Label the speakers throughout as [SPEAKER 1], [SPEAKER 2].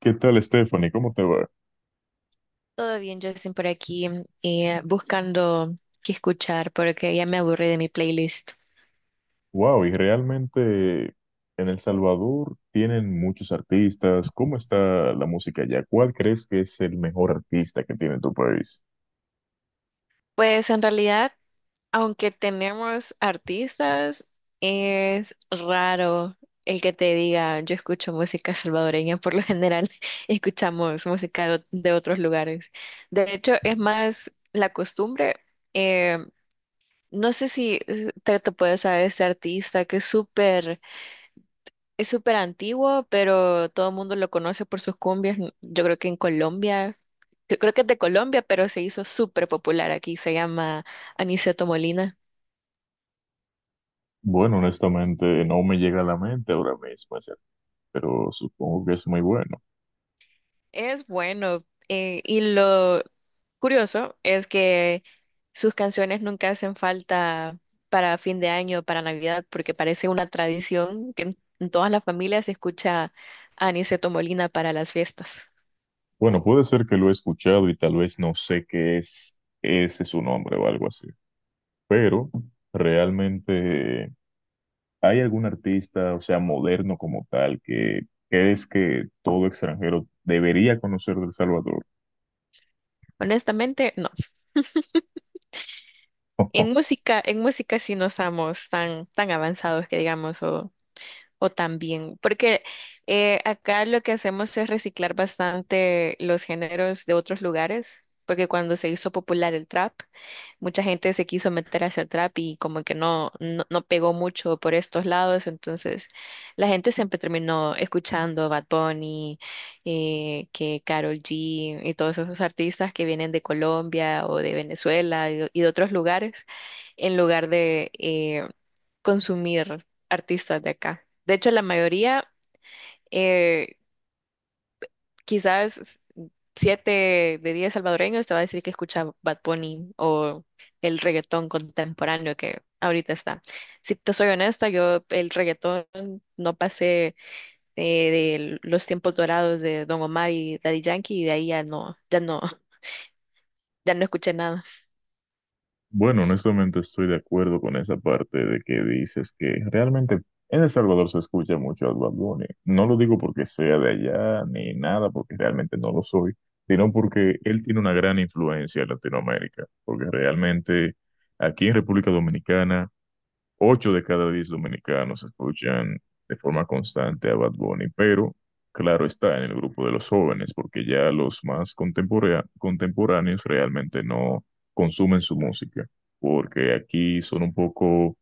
[SPEAKER 1] ¿Qué tal, Stephanie? ¿Cómo te va?
[SPEAKER 2] Todo bien, Jackson, por aquí, buscando qué escuchar porque ya me aburrí de mi playlist.
[SPEAKER 1] Wow, y realmente en El Salvador tienen muchos artistas. ¿Cómo está la música allá? ¿Cuál crees que es el mejor artista que tiene tu país?
[SPEAKER 2] Pues en realidad, aunque tenemos artistas, es raro el que te diga yo escucho música salvadoreña. Por lo general, escuchamos música de otros lugares. De hecho, es más la costumbre. eh, no sé si te, te puedes saber este artista que es súper. Es súper antiguo, pero todo el mundo lo conoce por sus cumbias. Yo creo que en Colombia, yo creo que es de Colombia, pero se hizo súper popular aquí. Se llama Aniceto Molina.
[SPEAKER 1] Bueno, honestamente no me llega a la mente ahora mismo, ese, pero supongo que es muy bueno.
[SPEAKER 2] Es bueno. Y lo curioso es que sus canciones nunca hacen falta para fin de año, para Navidad, porque parece una tradición que en todas las familias se escucha a Aniceto Molina para las fiestas.
[SPEAKER 1] Bueno, puede ser que lo he escuchado y tal vez no sé qué es ese su nombre o algo así, pero realmente, ¿hay algún artista, o sea, moderno como tal, que crees que todo extranjero debería conocer de El Salvador?
[SPEAKER 2] Honestamente, no. En música sí no somos tan avanzados que digamos, o tan bien, porque acá lo que hacemos es reciclar bastante los géneros de otros lugares, porque cuando se hizo popular el trap, mucha gente se quiso meter hacia el trap y como que no, no, no pegó mucho por estos lados, entonces la gente siempre terminó escuchando Bad Bunny, que Karol G y todos esos artistas que vienen de Colombia o de Venezuela y de otros lugares, en lugar de consumir artistas de acá. De hecho, la mayoría… eh, quizás 7 de 10 salvadoreños te va a decir que escucha Bad Bunny o el reggaetón contemporáneo que ahorita está. Si te soy honesta, yo el reggaetón no pasé, eh, de los tiempos dorados de Don Omar y Daddy Yankee y de ahí ya no, ya no, ya no escuché nada.
[SPEAKER 1] Bueno, honestamente estoy de acuerdo con esa parte de que dices que realmente en El Salvador se escucha mucho a Bad Bunny. No lo digo porque sea de allá ni nada, porque realmente no lo soy, sino porque él tiene una gran influencia en Latinoamérica, porque realmente aquí en República Dominicana 8 de cada 10 dominicanos escuchan de forma constante a Bad Bunny, pero claro está en el grupo de los jóvenes, porque ya los más contemporáneos realmente no consumen su música, porque aquí son un poco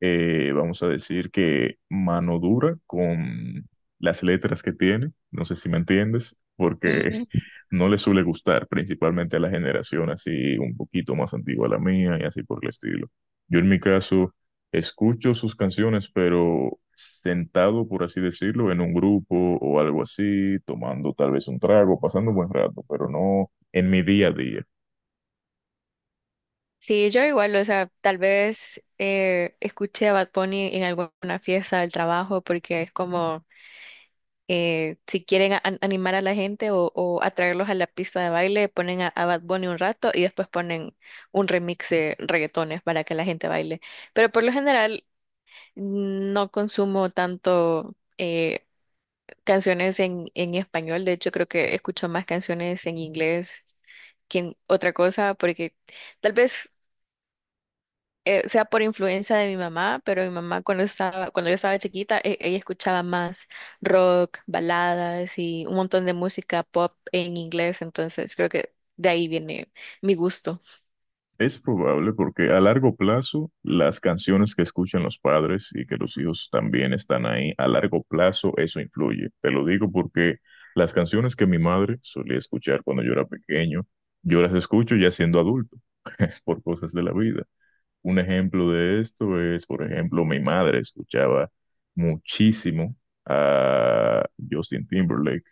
[SPEAKER 1] vamos a decir que mano dura con las letras que tiene, no sé si me entiendes, porque
[SPEAKER 2] Mm,
[SPEAKER 1] no le suele gustar principalmente a la generación así un poquito más antigua a la mía y así por el estilo. Yo en mi caso escucho sus canciones, pero sentado, por así decirlo, en un grupo o algo así, tomando tal vez un trago, pasando un buen rato, pero no en mi día a día.
[SPEAKER 2] sí, yo igual, o sea, tal vez escuché a Bad Bunny en alguna fiesta del trabajo porque es como, si quieren animar a la gente o atraerlos a la pista de baile, ponen a Bad Bunny un rato y después ponen un remix de reggaetones para que la gente baile. Pero por lo general no consumo tanto canciones en español. De hecho creo que escucho más canciones en inglés que en otra cosa, porque tal vez sea por influencia de mi mamá, pero mi mamá cuando yo estaba chiquita, ella escuchaba más rock, baladas y un montón de música pop en inglés, entonces creo que de ahí viene mi gusto.
[SPEAKER 1] Es probable porque a largo plazo las canciones que escuchan los padres y que los hijos también están ahí, a largo plazo eso influye. Te lo digo porque las canciones que mi madre solía escuchar cuando yo era pequeño, yo las escucho ya siendo adulto por cosas de la vida. Un ejemplo de esto es, por ejemplo, mi madre escuchaba muchísimo a Justin Timberlake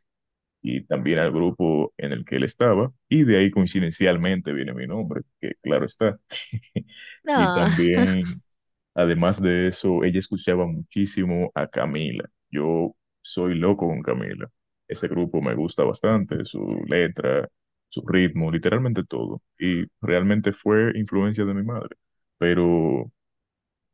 [SPEAKER 1] y también al grupo en el que él estaba y de ahí coincidencialmente viene mi nombre, que claro está. Y
[SPEAKER 2] No,
[SPEAKER 1] también, además de eso, ella escuchaba muchísimo a Camila. Yo soy loco con Camila. Ese grupo me gusta bastante, su letra, su ritmo, literalmente todo. Y realmente fue influencia de mi madre. Pero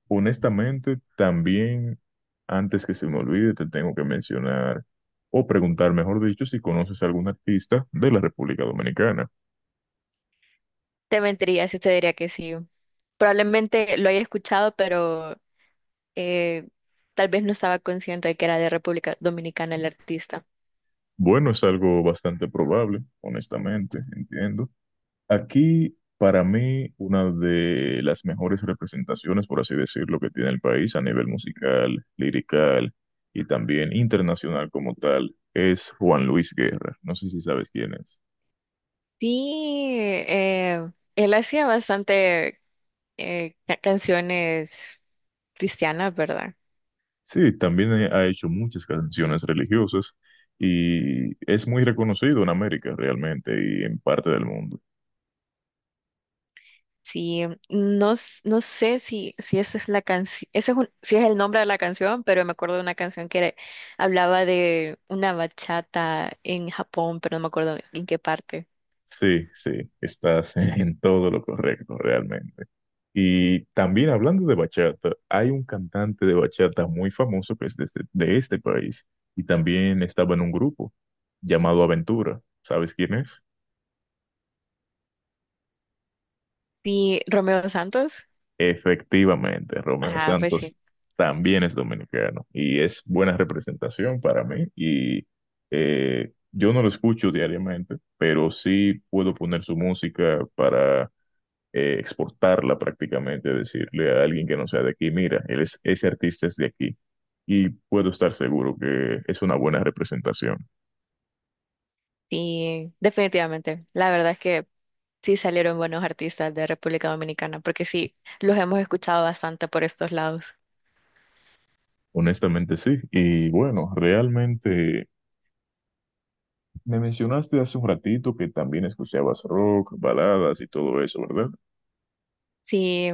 [SPEAKER 1] honestamente, también, antes que se me olvide, te tengo que mencionar o preguntar, mejor dicho, si conoces a algún artista de la República Dominicana.
[SPEAKER 2] te mentiría si te diría que sí. Probablemente lo haya escuchado, pero eh, tal vez no estaba consciente de que era de República Dominicana el artista.
[SPEAKER 1] Bueno, es algo bastante probable, honestamente, entiendo. Aquí, para mí, una de las mejores representaciones, por así decirlo, que tiene el país a nivel musical, lirical y también internacional como tal, es Juan Luis Guerra. No sé si sabes quién es.
[SPEAKER 2] Sí, eh, él hacía bastante canciones cristianas, ¿verdad?
[SPEAKER 1] Sí, también ha hecho muchas canciones religiosas y es muy reconocido en América realmente y en parte del mundo.
[SPEAKER 2] Sí, no, no sé si esa es la canción, ese es si es el nombre de la canción, pero me acuerdo de una canción que era, hablaba de una bachata en Japón, pero no me acuerdo en qué parte.
[SPEAKER 1] Sí, sí, estás en todo lo correcto realmente. Y también hablando de bachata, hay un cantante de bachata muy famoso que es de este país y también estaba en un grupo llamado Aventura. ¿Sabes quién es?
[SPEAKER 2] Sí, Romeo Santos.
[SPEAKER 1] Efectivamente, Romeo
[SPEAKER 2] Ah, pues sí,
[SPEAKER 1] Santos también es dominicano y es buena representación para mí y yo no lo escucho diariamente, pero sí puedo poner su música para exportarla prácticamente, decirle a alguien que no sea de aquí, mira, él es, ese artista es de aquí. Y puedo estar seguro que es una buena representación.
[SPEAKER 2] sí, definitivamente. La verdad es que sí salieron buenos artistas de República Dominicana, porque sí, los hemos escuchado bastante por estos lados.
[SPEAKER 1] Honestamente sí. Y bueno, realmente me mencionaste hace un ratito que también escuchabas rock, baladas y todo eso, ¿verdad?
[SPEAKER 2] Sí,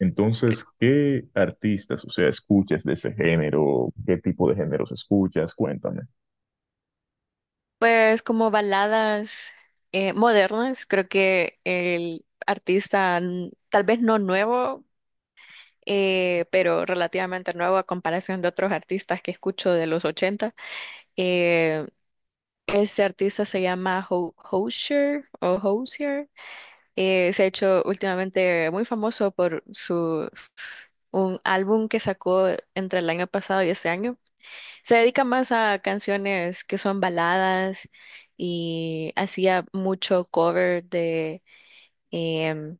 [SPEAKER 1] Entonces, ¿qué artistas, o sea, escuchas de ese género? ¿Qué tipo de géneros escuchas? Cuéntame.
[SPEAKER 2] pues como baladas modernas. Creo que el artista, tal vez no nuevo, pero relativamente nuevo a comparación de otros artistas que escucho de los 80. eh, Ese artista se llama Hozier o Hozier. Se ha hecho últimamente muy famoso por su un álbum que sacó entre el año pasado y este año. Se dedica más a canciones que son baladas y hacía mucho cover em,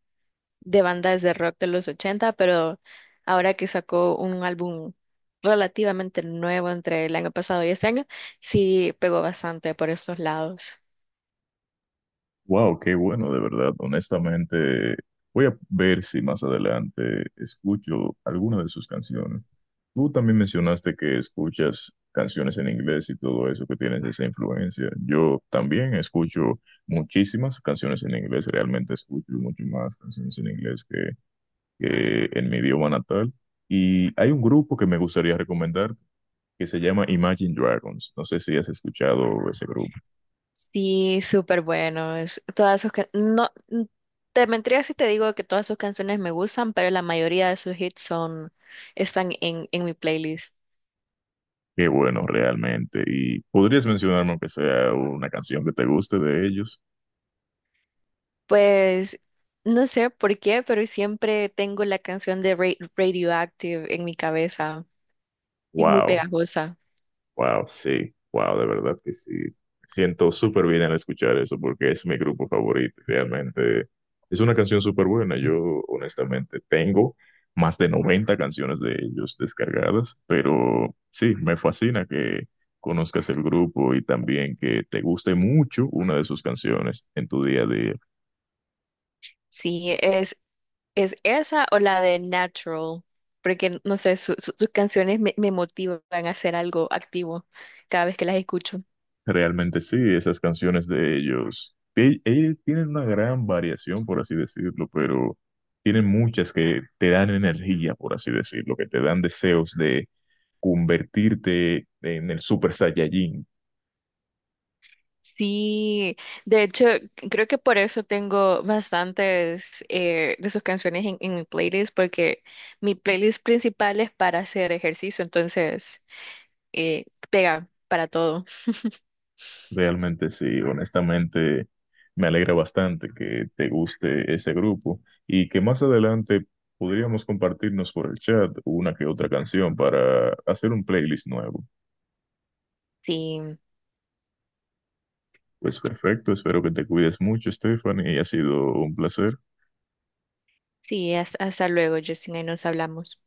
[SPEAKER 2] de bandas de rock de los ochenta, pero ahora que sacó un álbum relativamente nuevo entre el año pasado y este año, sí pegó bastante por estos lados.
[SPEAKER 1] Wow, qué bueno, de verdad. Honestamente, voy a ver si más adelante escucho alguna de sus canciones. Tú también mencionaste que escuchas canciones en inglés y todo eso, que tienes esa influencia. Yo también escucho muchísimas canciones en inglés, realmente escucho mucho más canciones en inglés que en mi idioma natal. Y hay un grupo que me gustaría recomendar que se llama Imagine Dragons. No sé si has escuchado ese grupo.
[SPEAKER 2] Sí, súper bueno. Todas sus, te mentiría si te digo que todas sus canciones me gustan, pero la mayoría de sus hits son, están en mi playlist.
[SPEAKER 1] Qué bueno, realmente. ¿Y podrías mencionarme aunque sea una canción que te guste de ellos?
[SPEAKER 2] Pues no sé por qué, pero siempre tengo la canción de Radioactive en mi cabeza. Es muy
[SPEAKER 1] Wow,
[SPEAKER 2] pegajosa.
[SPEAKER 1] wow, sí, wow, de verdad que sí. Me siento súper bien al escuchar eso porque es mi grupo favorito. Realmente es una canción súper buena. Yo, honestamente, tengo más de 90 canciones de ellos descargadas, pero sí, me fascina que conozcas el grupo y también que te guste mucho una de sus canciones en tu día a día.
[SPEAKER 2] Sí, es esa o la de Natural, porque no sé, sus canciones me, me motivan a hacer algo activo cada vez que las escucho.
[SPEAKER 1] Realmente sí, esas canciones de ellos, que ellos tienen una gran variación, por así decirlo, pero tienen muchas que te dan energía, por así decirlo, que te dan deseos de convertirte en el Super Saiyajin.
[SPEAKER 2] Sí, de hecho, creo que por eso tengo bastantes de sus canciones en mi playlist, porque mi playlist principal es para hacer ejercicio, entonces eh, pega para todo.
[SPEAKER 1] Realmente sí, honestamente me alegra bastante que te guste ese grupo y que más adelante podríamos compartirnos por el chat una que otra canción para hacer un playlist nuevo.
[SPEAKER 2] Sí,
[SPEAKER 1] Pues perfecto, espero que te cuides mucho, Stephanie, y ha sido un placer.
[SPEAKER 2] sí, hasta luego, Justin, ahí nos hablamos.